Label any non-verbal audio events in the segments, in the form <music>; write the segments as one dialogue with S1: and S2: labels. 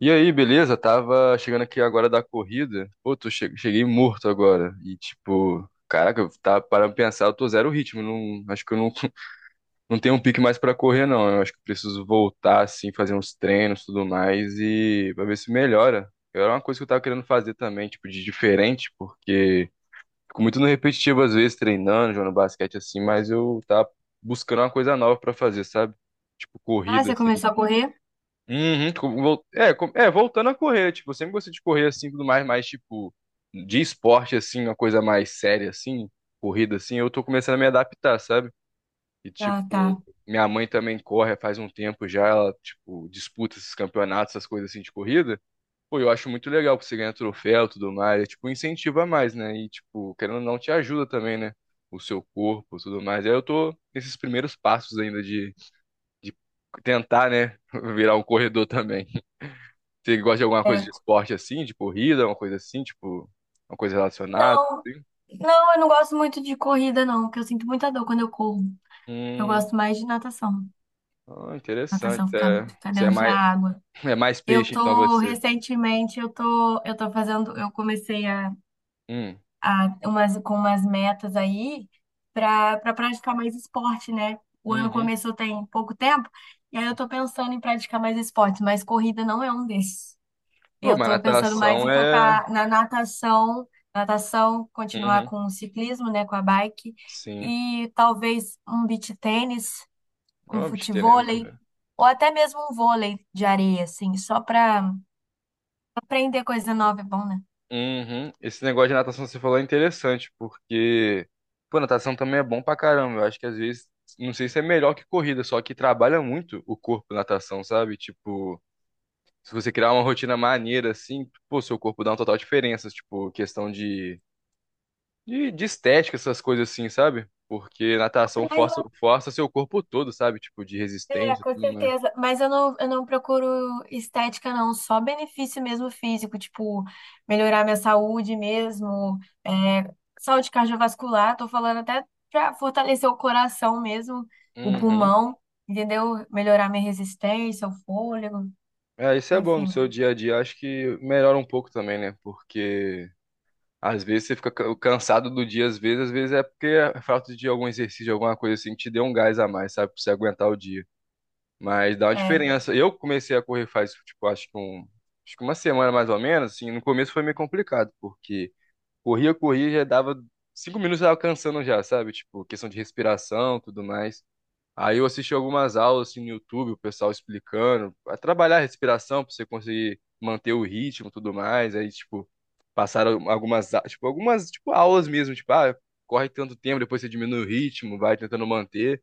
S1: E aí, beleza? Tava chegando aqui agora da corrida. Pô, cheguei morto agora. E tipo, caraca, eu tava parando pra pensar, eu tô zero ritmo. Não, acho que eu não, <laughs> não tenho um pique mais pra correr, não. Eu acho que eu preciso voltar, assim, fazer uns treinos e tudo mais e pra ver se melhora. Era uma coisa que eu tava querendo fazer também, tipo, de diferente, porque fico muito no repetitivo às vezes, treinando, jogando basquete assim, mas eu tava buscando uma coisa nova pra fazer, sabe? Tipo,
S2: Ah,
S1: corrida,
S2: você
S1: assim.
S2: começou a correr?
S1: Uhum, voltando a correr, tipo, eu sempre gostei de correr assim, tudo mais, mas tipo, de esporte assim, uma coisa mais séria assim, corrida assim, eu tô começando a me adaptar, sabe? E tipo,
S2: Ah, tá.
S1: minha mãe também corre faz um tempo já, ela tipo, disputa esses campeonatos, essas coisas assim de corrida. Pô, eu acho muito legal porque você ganha troféu, e tudo mais, é, tipo, incentiva mais, né? E tipo, querendo ou não, te ajuda também, né? O seu corpo, tudo mais. Aí eu tô nesses primeiros passos ainda de tentar, né, <laughs> virar um corredor também. Você gosta de alguma coisa
S2: É.
S1: de esporte assim, de corrida, uma coisa assim, tipo, uma coisa relacionada,
S2: Não,
S1: assim?
S2: não, eu não gosto muito de corrida, não, porque eu sinto muita dor quando eu corro. Eu
S1: Hum,
S2: gosto mais de natação.
S1: ah, interessante.
S2: Natação, ficar,
S1: É,
S2: ficar
S1: você é
S2: dentro da
S1: mais,
S2: água.
S1: <laughs> é mais
S2: Eu
S1: peixe, então
S2: tô,
S1: você.
S2: recentemente, eu tô fazendo, eu comecei a,
S1: Hum,
S2: a umas, com umas metas aí pra praticar mais esporte, né? O ano
S1: uhum.
S2: começou tem pouco tempo, e aí eu tô pensando em praticar mais esporte, mas corrida não é um desses.
S1: Pô,
S2: Eu
S1: mas
S2: estou pensando mais
S1: natação
S2: em
S1: é.
S2: focar na natação, natação, continuar
S1: Uhum,
S2: com o ciclismo, né, com a bike,
S1: sim.
S2: e talvez um beach tênis,
S1: É
S2: um
S1: uma besteira,
S2: futevôlei,
S1: né?
S2: ou até mesmo um vôlei de areia, assim, só para aprender coisa nova é bom, né?
S1: Uhum. Esse negócio de natação que você falou é interessante, porque, pô, natação também é bom pra caramba. Eu acho que às vezes, não sei se é melhor que corrida, só que trabalha muito o corpo natação, sabe? Tipo. Se você criar uma rotina maneira, assim, pô, seu corpo dá uma total diferença, tipo, questão de, de estética, essas coisas assim, sabe? Porque natação força, força seu corpo todo, sabe? Tipo, de
S2: É,
S1: resistência e
S2: com
S1: tudo mais.
S2: certeza. Mas eu não procuro estética, não. Só benefício mesmo físico, tipo, melhorar minha saúde mesmo, é, saúde cardiovascular. Tô falando até pra fortalecer o coração mesmo, o
S1: Uhum.
S2: pulmão, entendeu? Melhorar minha resistência, o fôlego,
S1: É, isso é bom no
S2: enfim.
S1: seu dia a dia. Acho que melhora um pouco também, né? Porque às vezes você fica cansado do dia, às vezes é porque a falta de algum exercício, alguma coisa assim, que te dê um gás a mais, sabe? Pra você aguentar o dia. Mas dá uma
S2: É.
S1: diferença. Eu comecei a correr faz, tipo, acho que uma semana mais ou menos, assim, no começo foi meio complicado, porque corria, corria, já dava 5 minutos já alcançando já, sabe? Tipo, questão de respiração, tudo mais. Aí eu assisti algumas aulas assim no YouTube, o pessoal explicando, a trabalhar a respiração para você conseguir manter o ritmo, e tudo mais. Aí, tipo, passaram algumas, tipo, aulas mesmo, tipo, ah, corre tanto tempo, depois você diminui o ritmo, vai tentando manter.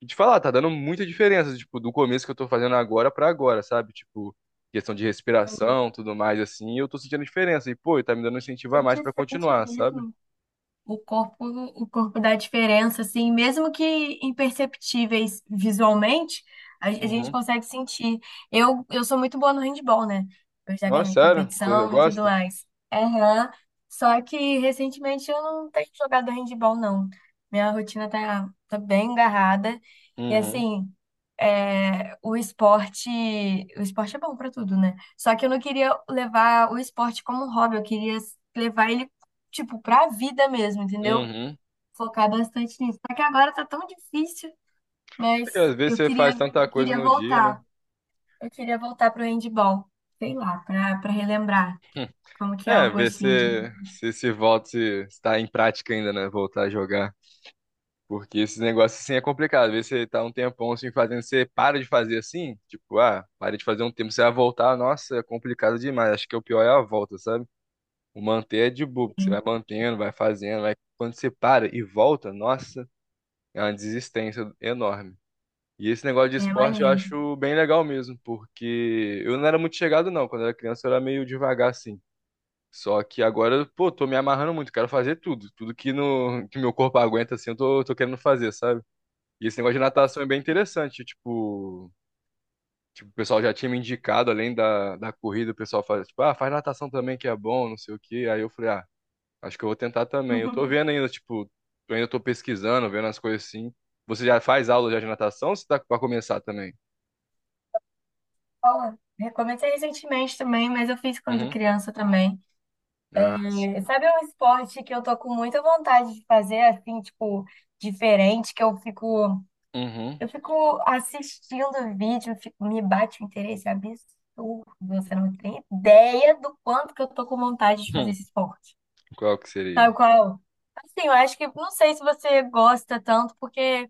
S1: E te falar, tá dando muita diferença, tipo, do começo que eu tô fazendo agora pra agora, sabe? Tipo, questão de respiração, tudo mais, assim, eu tô sentindo diferença. E, pô, tá me dando um incentivo
S2: A
S1: a
S2: gente
S1: mais pra
S2: sente
S1: continuar, sabe?
S2: mesmo. O corpo dá diferença, assim, mesmo que imperceptíveis visualmente, a gente
S1: Uhum.
S2: consegue sentir. Eu sou muito boa no handball, né? Eu já
S1: Ó,
S2: ganhei
S1: sério? Você
S2: competição e tudo
S1: gosta?
S2: mais. Aham. Só que recentemente eu não tenho jogado handball, não. Minha rotina tá bem agarrada. E
S1: Uhum.
S2: assim, é, o esporte é bom pra tudo, né? Só que eu não queria levar o esporte como um hobby, eu queria levar ele, tipo, pra vida mesmo, entendeu?
S1: Uhum.
S2: Focar bastante nisso. Só que agora tá tão difícil,
S1: Porque
S2: mas
S1: às vezes
S2: eu
S1: você faz
S2: queria,
S1: tanta coisa
S2: queria
S1: no dia, né?
S2: voltar. Eu queria voltar pro handball, sei lá, pra relembrar como que é o
S1: É, ver
S2: gostinho
S1: se
S2: de...
S1: se, se volta, se está em prática ainda, né? Voltar a jogar. Porque esse negócio assim é complicado. Às vezes você tá um tempão assim fazendo, você para de fazer assim, tipo, ah, para de fazer um tempo, você vai voltar, nossa, é complicado demais. Acho que é o pior é a volta, sabe? O manter é de boa, porque você vai mantendo, vai fazendo, vai. Quando você para e volta, nossa, é uma desistência enorme. E esse negócio de
S2: É
S1: esporte eu
S2: maneiro.
S1: acho bem legal mesmo, porque eu não era muito chegado, não. Quando eu era criança, eu era meio devagar assim. Só que agora, pô, tô me amarrando muito, quero fazer tudo. Tudo que, no, que meu corpo aguenta, assim, eu tô querendo fazer, sabe? E esse negócio de natação é bem interessante, tipo, o pessoal já tinha me indicado, além da corrida, o pessoal faz, tipo, ah, faz natação também que é bom, não sei o quê. Aí eu falei, ah, acho que eu vou tentar também. Eu tô
S2: <laughs>
S1: vendo ainda, tipo, eu ainda tô pesquisando, vendo as coisas assim. Você já faz aula já de natação ou você tá pra começar também?
S2: Bom, recomecei recentemente também, mas eu fiz quando
S1: Uhum.
S2: criança também.
S1: Ah, sim.
S2: Sabe um esporte que eu tô com muita vontade de fazer, assim, tipo, diferente, que
S1: Uhum.
S2: eu fico assistindo o vídeo, me bate um interesse absurdo. Você não tem ideia do quanto que eu tô com vontade de fazer
S1: Hum.
S2: esse esporte.
S1: Qual que
S2: Sabe
S1: seria?
S2: qual? Assim, eu acho que, não sei se você gosta tanto, porque,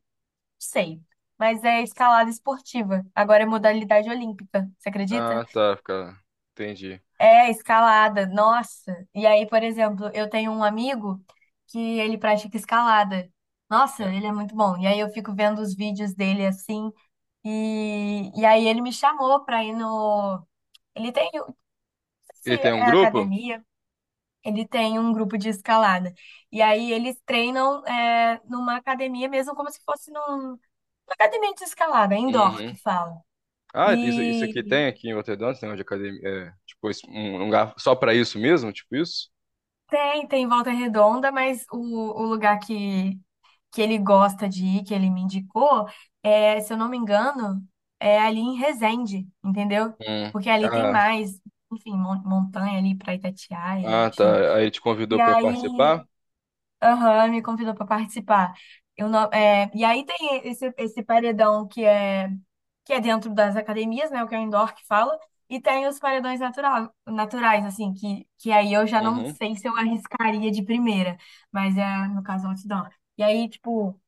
S2: sei, mas é escalada esportiva. Agora é modalidade olímpica, você acredita?
S1: Ah, tá, fica... Entendi.
S2: É, escalada, nossa. E aí, por exemplo, eu tenho um amigo que ele pratica escalada. Nossa,
S1: É.
S2: ele é muito bom. E aí eu fico vendo os vídeos dele assim, e aí ele me chamou pra ir no. Ele tem, não sei
S1: Ele
S2: se
S1: tem um
S2: é
S1: grupo?
S2: academia, ele tem um grupo de escalada. E aí eles treinam é, numa academia mesmo, como se fosse num, numa academia de escalada, indoor que
S1: Uhum.
S2: fala.
S1: Ah, isso aqui
S2: E
S1: tem aqui em Roterdã, tem uma de academia, é, tipo, um lugar só pra isso mesmo, tipo isso?
S2: tem, tem Volta Redonda, mas o lugar que ele gosta de ir, que ele me indicou, é, se eu não me engano, é ali em Resende, entendeu?
S1: Hum.
S2: Porque ali tem
S1: Ah,
S2: mais, enfim, montanha ali para Itatiaia,
S1: ah,
S2: enfim.
S1: tá. Aí te
S2: E
S1: convidou pra
S2: aí,
S1: participar?
S2: aham, me convidou para participar. Eu não, é, e aí tem esse, esse paredão que é dentro das academias, né? O que é o indoor que fala. E tem os paredões natural, naturais, assim, que aí eu já não
S1: Uhum.
S2: sei se eu arriscaria de primeira, mas é, no caso, outdoor. E aí, tipo,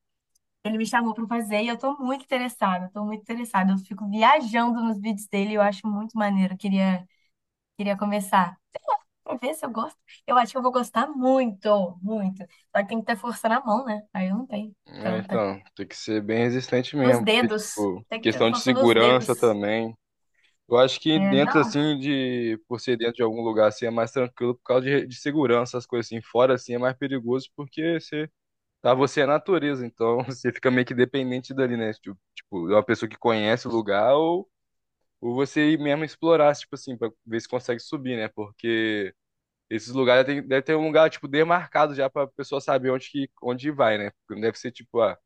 S2: ele me chamou para fazer e eu tô muito interessada, tô muito interessada. Eu fico viajando nos vídeos dele, e eu acho muito maneiro. Eu Queria, queria começar. Pra ver se eu gosto. Eu acho que eu vou gostar muito, muito. Só que tem que ter força na mão, né? Aí eu não tenho
S1: É,
S2: tanta.
S1: então, tem que ser bem resistente
S2: Nos
S1: mesmo, porque,
S2: dedos.
S1: tipo,
S2: Tem que ter
S1: questão de
S2: força nos dedos.
S1: segurança também. Eu acho que
S2: É,
S1: dentro,
S2: não,
S1: assim, de, por ser dentro de algum lugar, assim, é mais tranquilo por causa de segurança, as coisas assim. Fora, assim, é mais perigoso porque você, tá, você é natureza, então <laughs> você fica meio que dependente dali, né? Tipo, de uma pessoa que conhece o lugar ou você ir mesmo explorar, tipo assim, pra ver se consegue subir, né? Porque esses lugares tem, deve ter um lugar, tipo, demarcado já pra pessoa saber onde vai, né? Porque não deve ser, tipo, a,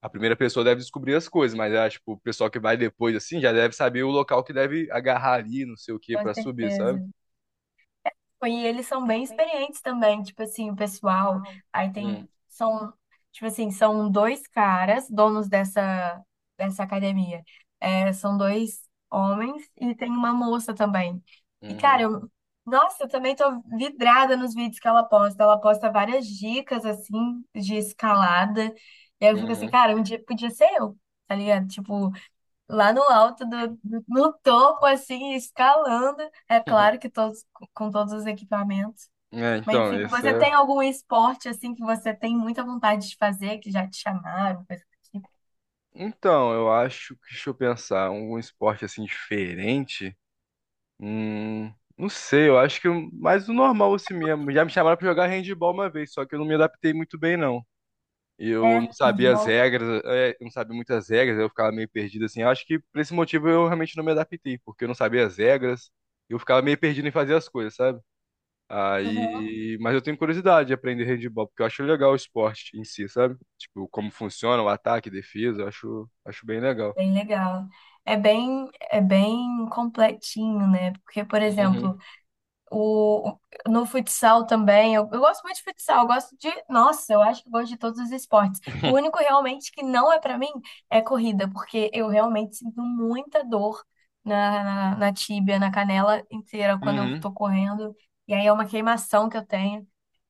S1: a primeira pessoa deve descobrir as coisas, mas, ah, tipo, o pessoal que vai depois, assim, já deve saber o local que deve agarrar ali, não sei o que,
S2: com
S1: pra subir, sabe?
S2: certeza. E eles são bem experientes também, tipo assim, o pessoal, aí tem,
S1: Hum,
S2: são, tipo assim, são dois caras, donos dessa, dessa academia. É, são dois homens e tem uma moça também. E, cara,
S1: uhum,
S2: eu, nossa, eu também tô vidrada nos vídeos que ela posta. Ela posta várias dicas, assim, de escalada. E aí eu fico assim,
S1: uhum.
S2: cara, um dia podia ser eu, tá ligado? Tipo, lá no alto do, no topo assim, escalando, é claro que
S1: <laughs>
S2: todos com todos os equipamentos.
S1: É,
S2: Mas
S1: então,
S2: enfim,
S1: esse
S2: você
S1: é.
S2: tem algum esporte assim que você tem muita vontade de fazer, que já te chamaram, coisa do tipo?
S1: Então, eu acho que, deixa eu pensar, um esporte assim diferente. Não sei, eu acho que mais o normal assim mesmo. Já me chamaram pra jogar handball uma vez, só que eu não me adaptei muito bem, não. Eu não
S2: É,
S1: sabia as
S2: handball.
S1: regras, eu não sabia muitas regras, eu ficava meio perdido assim. Eu acho que por esse motivo eu realmente não me adaptei, porque eu não sabia as regras, eu ficava meio perdido em fazer as coisas, sabe?
S2: Uhum.
S1: Aí, mas eu tenho curiosidade de aprender handball, porque eu acho legal o esporte em si, sabe? Tipo, como funciona o ataque, defesa, eu acho bem legal.
S2: Bem legal. É bem completinho, né? Porque, por exemplo,
S1: Uhum.
S2: o, no futsal também, eu gosto muito de futsal, eu gosto de. Nossa, eu acho que eu gosto de todos os esportes. O único
S1: <laughs>
S2: realmente que não é pra mim é corrida, porque eu realmente sinto muita dor na, na tíbia, na canela inteira quando eu
S1: Uhum.
S2: tô correndo. E aí é uma queimação que eu tenho.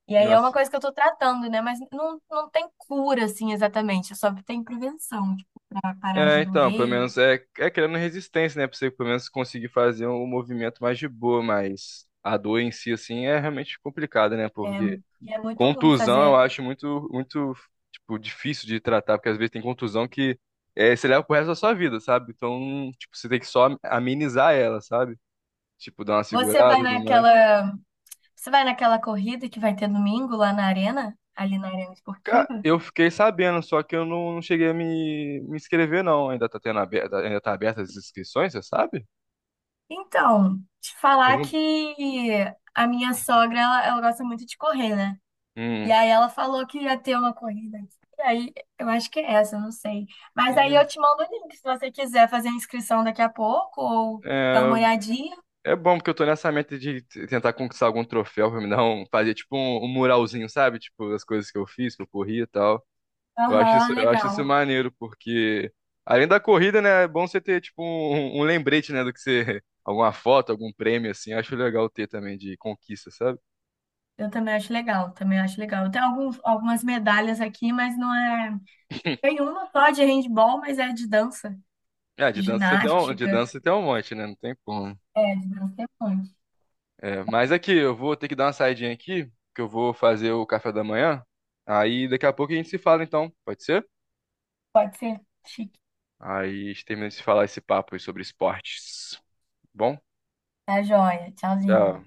S2: E aí é uma
S1: Nossa.
S2: coisa que eu tô tratando, né? Mas não, não tem cura, assim, exatamente. Só tem prevenção, tipo, pra parar
S1: É,
S2: de
S1: então, pelo
S2: doer.
S1: menos é criando resistência, né? Pra você pelo menos conseguir fazer um movimento mais de boa, mas a dor em si, assim, é realmente complicada, né?
S2: É,
S1: Porque
S2: e é muito ruim
S1: contusão eu
S2: fazer.
S1: acho muito, muito, tipo, difícil de tratar, porque às vezes tem contusão que é, você leva pro resto da sua vida, sabe? Então, tipo, você tem que só amenizar ela, sabe? Tipo, dar uma
S2: Você
S1: segurada,
S2: vai
S1: e tudo mais.
S2: naquela. Você vai naquela corrida que vai ter domingo lá na arena, ali na arena
S1: Cara,
S2: esportiva?
S1: eu fiquei sabendo, só que eu não, não cheguei a me inscrever, não. Ainda tá aberta as inscrições, você sabe?
S2: Então, te
S1: Eu
S2: falar
S1: vi um-
S2: que a minha sogra, ela gosta muito de correr, né? E
S1: Hum.
S2: aí ela falou que ia ter uma corrida aqui. E aí, eu acho que é essa, eu não sei. Mas aí eu
S1: Hum.
S2: te mando o link, se você quiser fazer a inscrição daqui a pouco ou dar
S1: É,
S2: uma olhadinha.
S1: é bom porque eu tô nessa meta de tentar conquistar algum troféu pra fazer tipo um, um muralzinho, sabe? Tipo, as coisas que eu fiz, que eu corri e tal. Eu acho
S2: Aham,
S1: isso, eu acho isso
S2: legal.
S1: maneiro, porque além da corrida, né, é bom você ter tipo um, um lembrete, né, do que você, <laughs> alguma foto, algum prêmio assim. Eu acho legal ter também de conquista, sabe?
S2: Eu também acho legal, também acho legal. Tem alguns, algumas medalhas aqui, mas não é. Tem
S1: <laughs>
S2: uma só de handball, mas é de dança,
S1: É,
S2: de
S1: de dança você tem um, de
S2: ginástica.
S1: dança você tem um monte, né? Não tem como.
S2: É, de Brastemante.
S1: É, mas aqui, eu vou ter que dar uma saidinha aqui, que eu vou fazer o café da manhã. Aí daqui a pouco a gente se fala, então. Pode ser?
S2: Pode ser. Chique.
S1: Aí a gente termina de falar esse papo aí sobre esportes. Bom,
S2: Tá joia. Tchauzinho.
S1: tchau.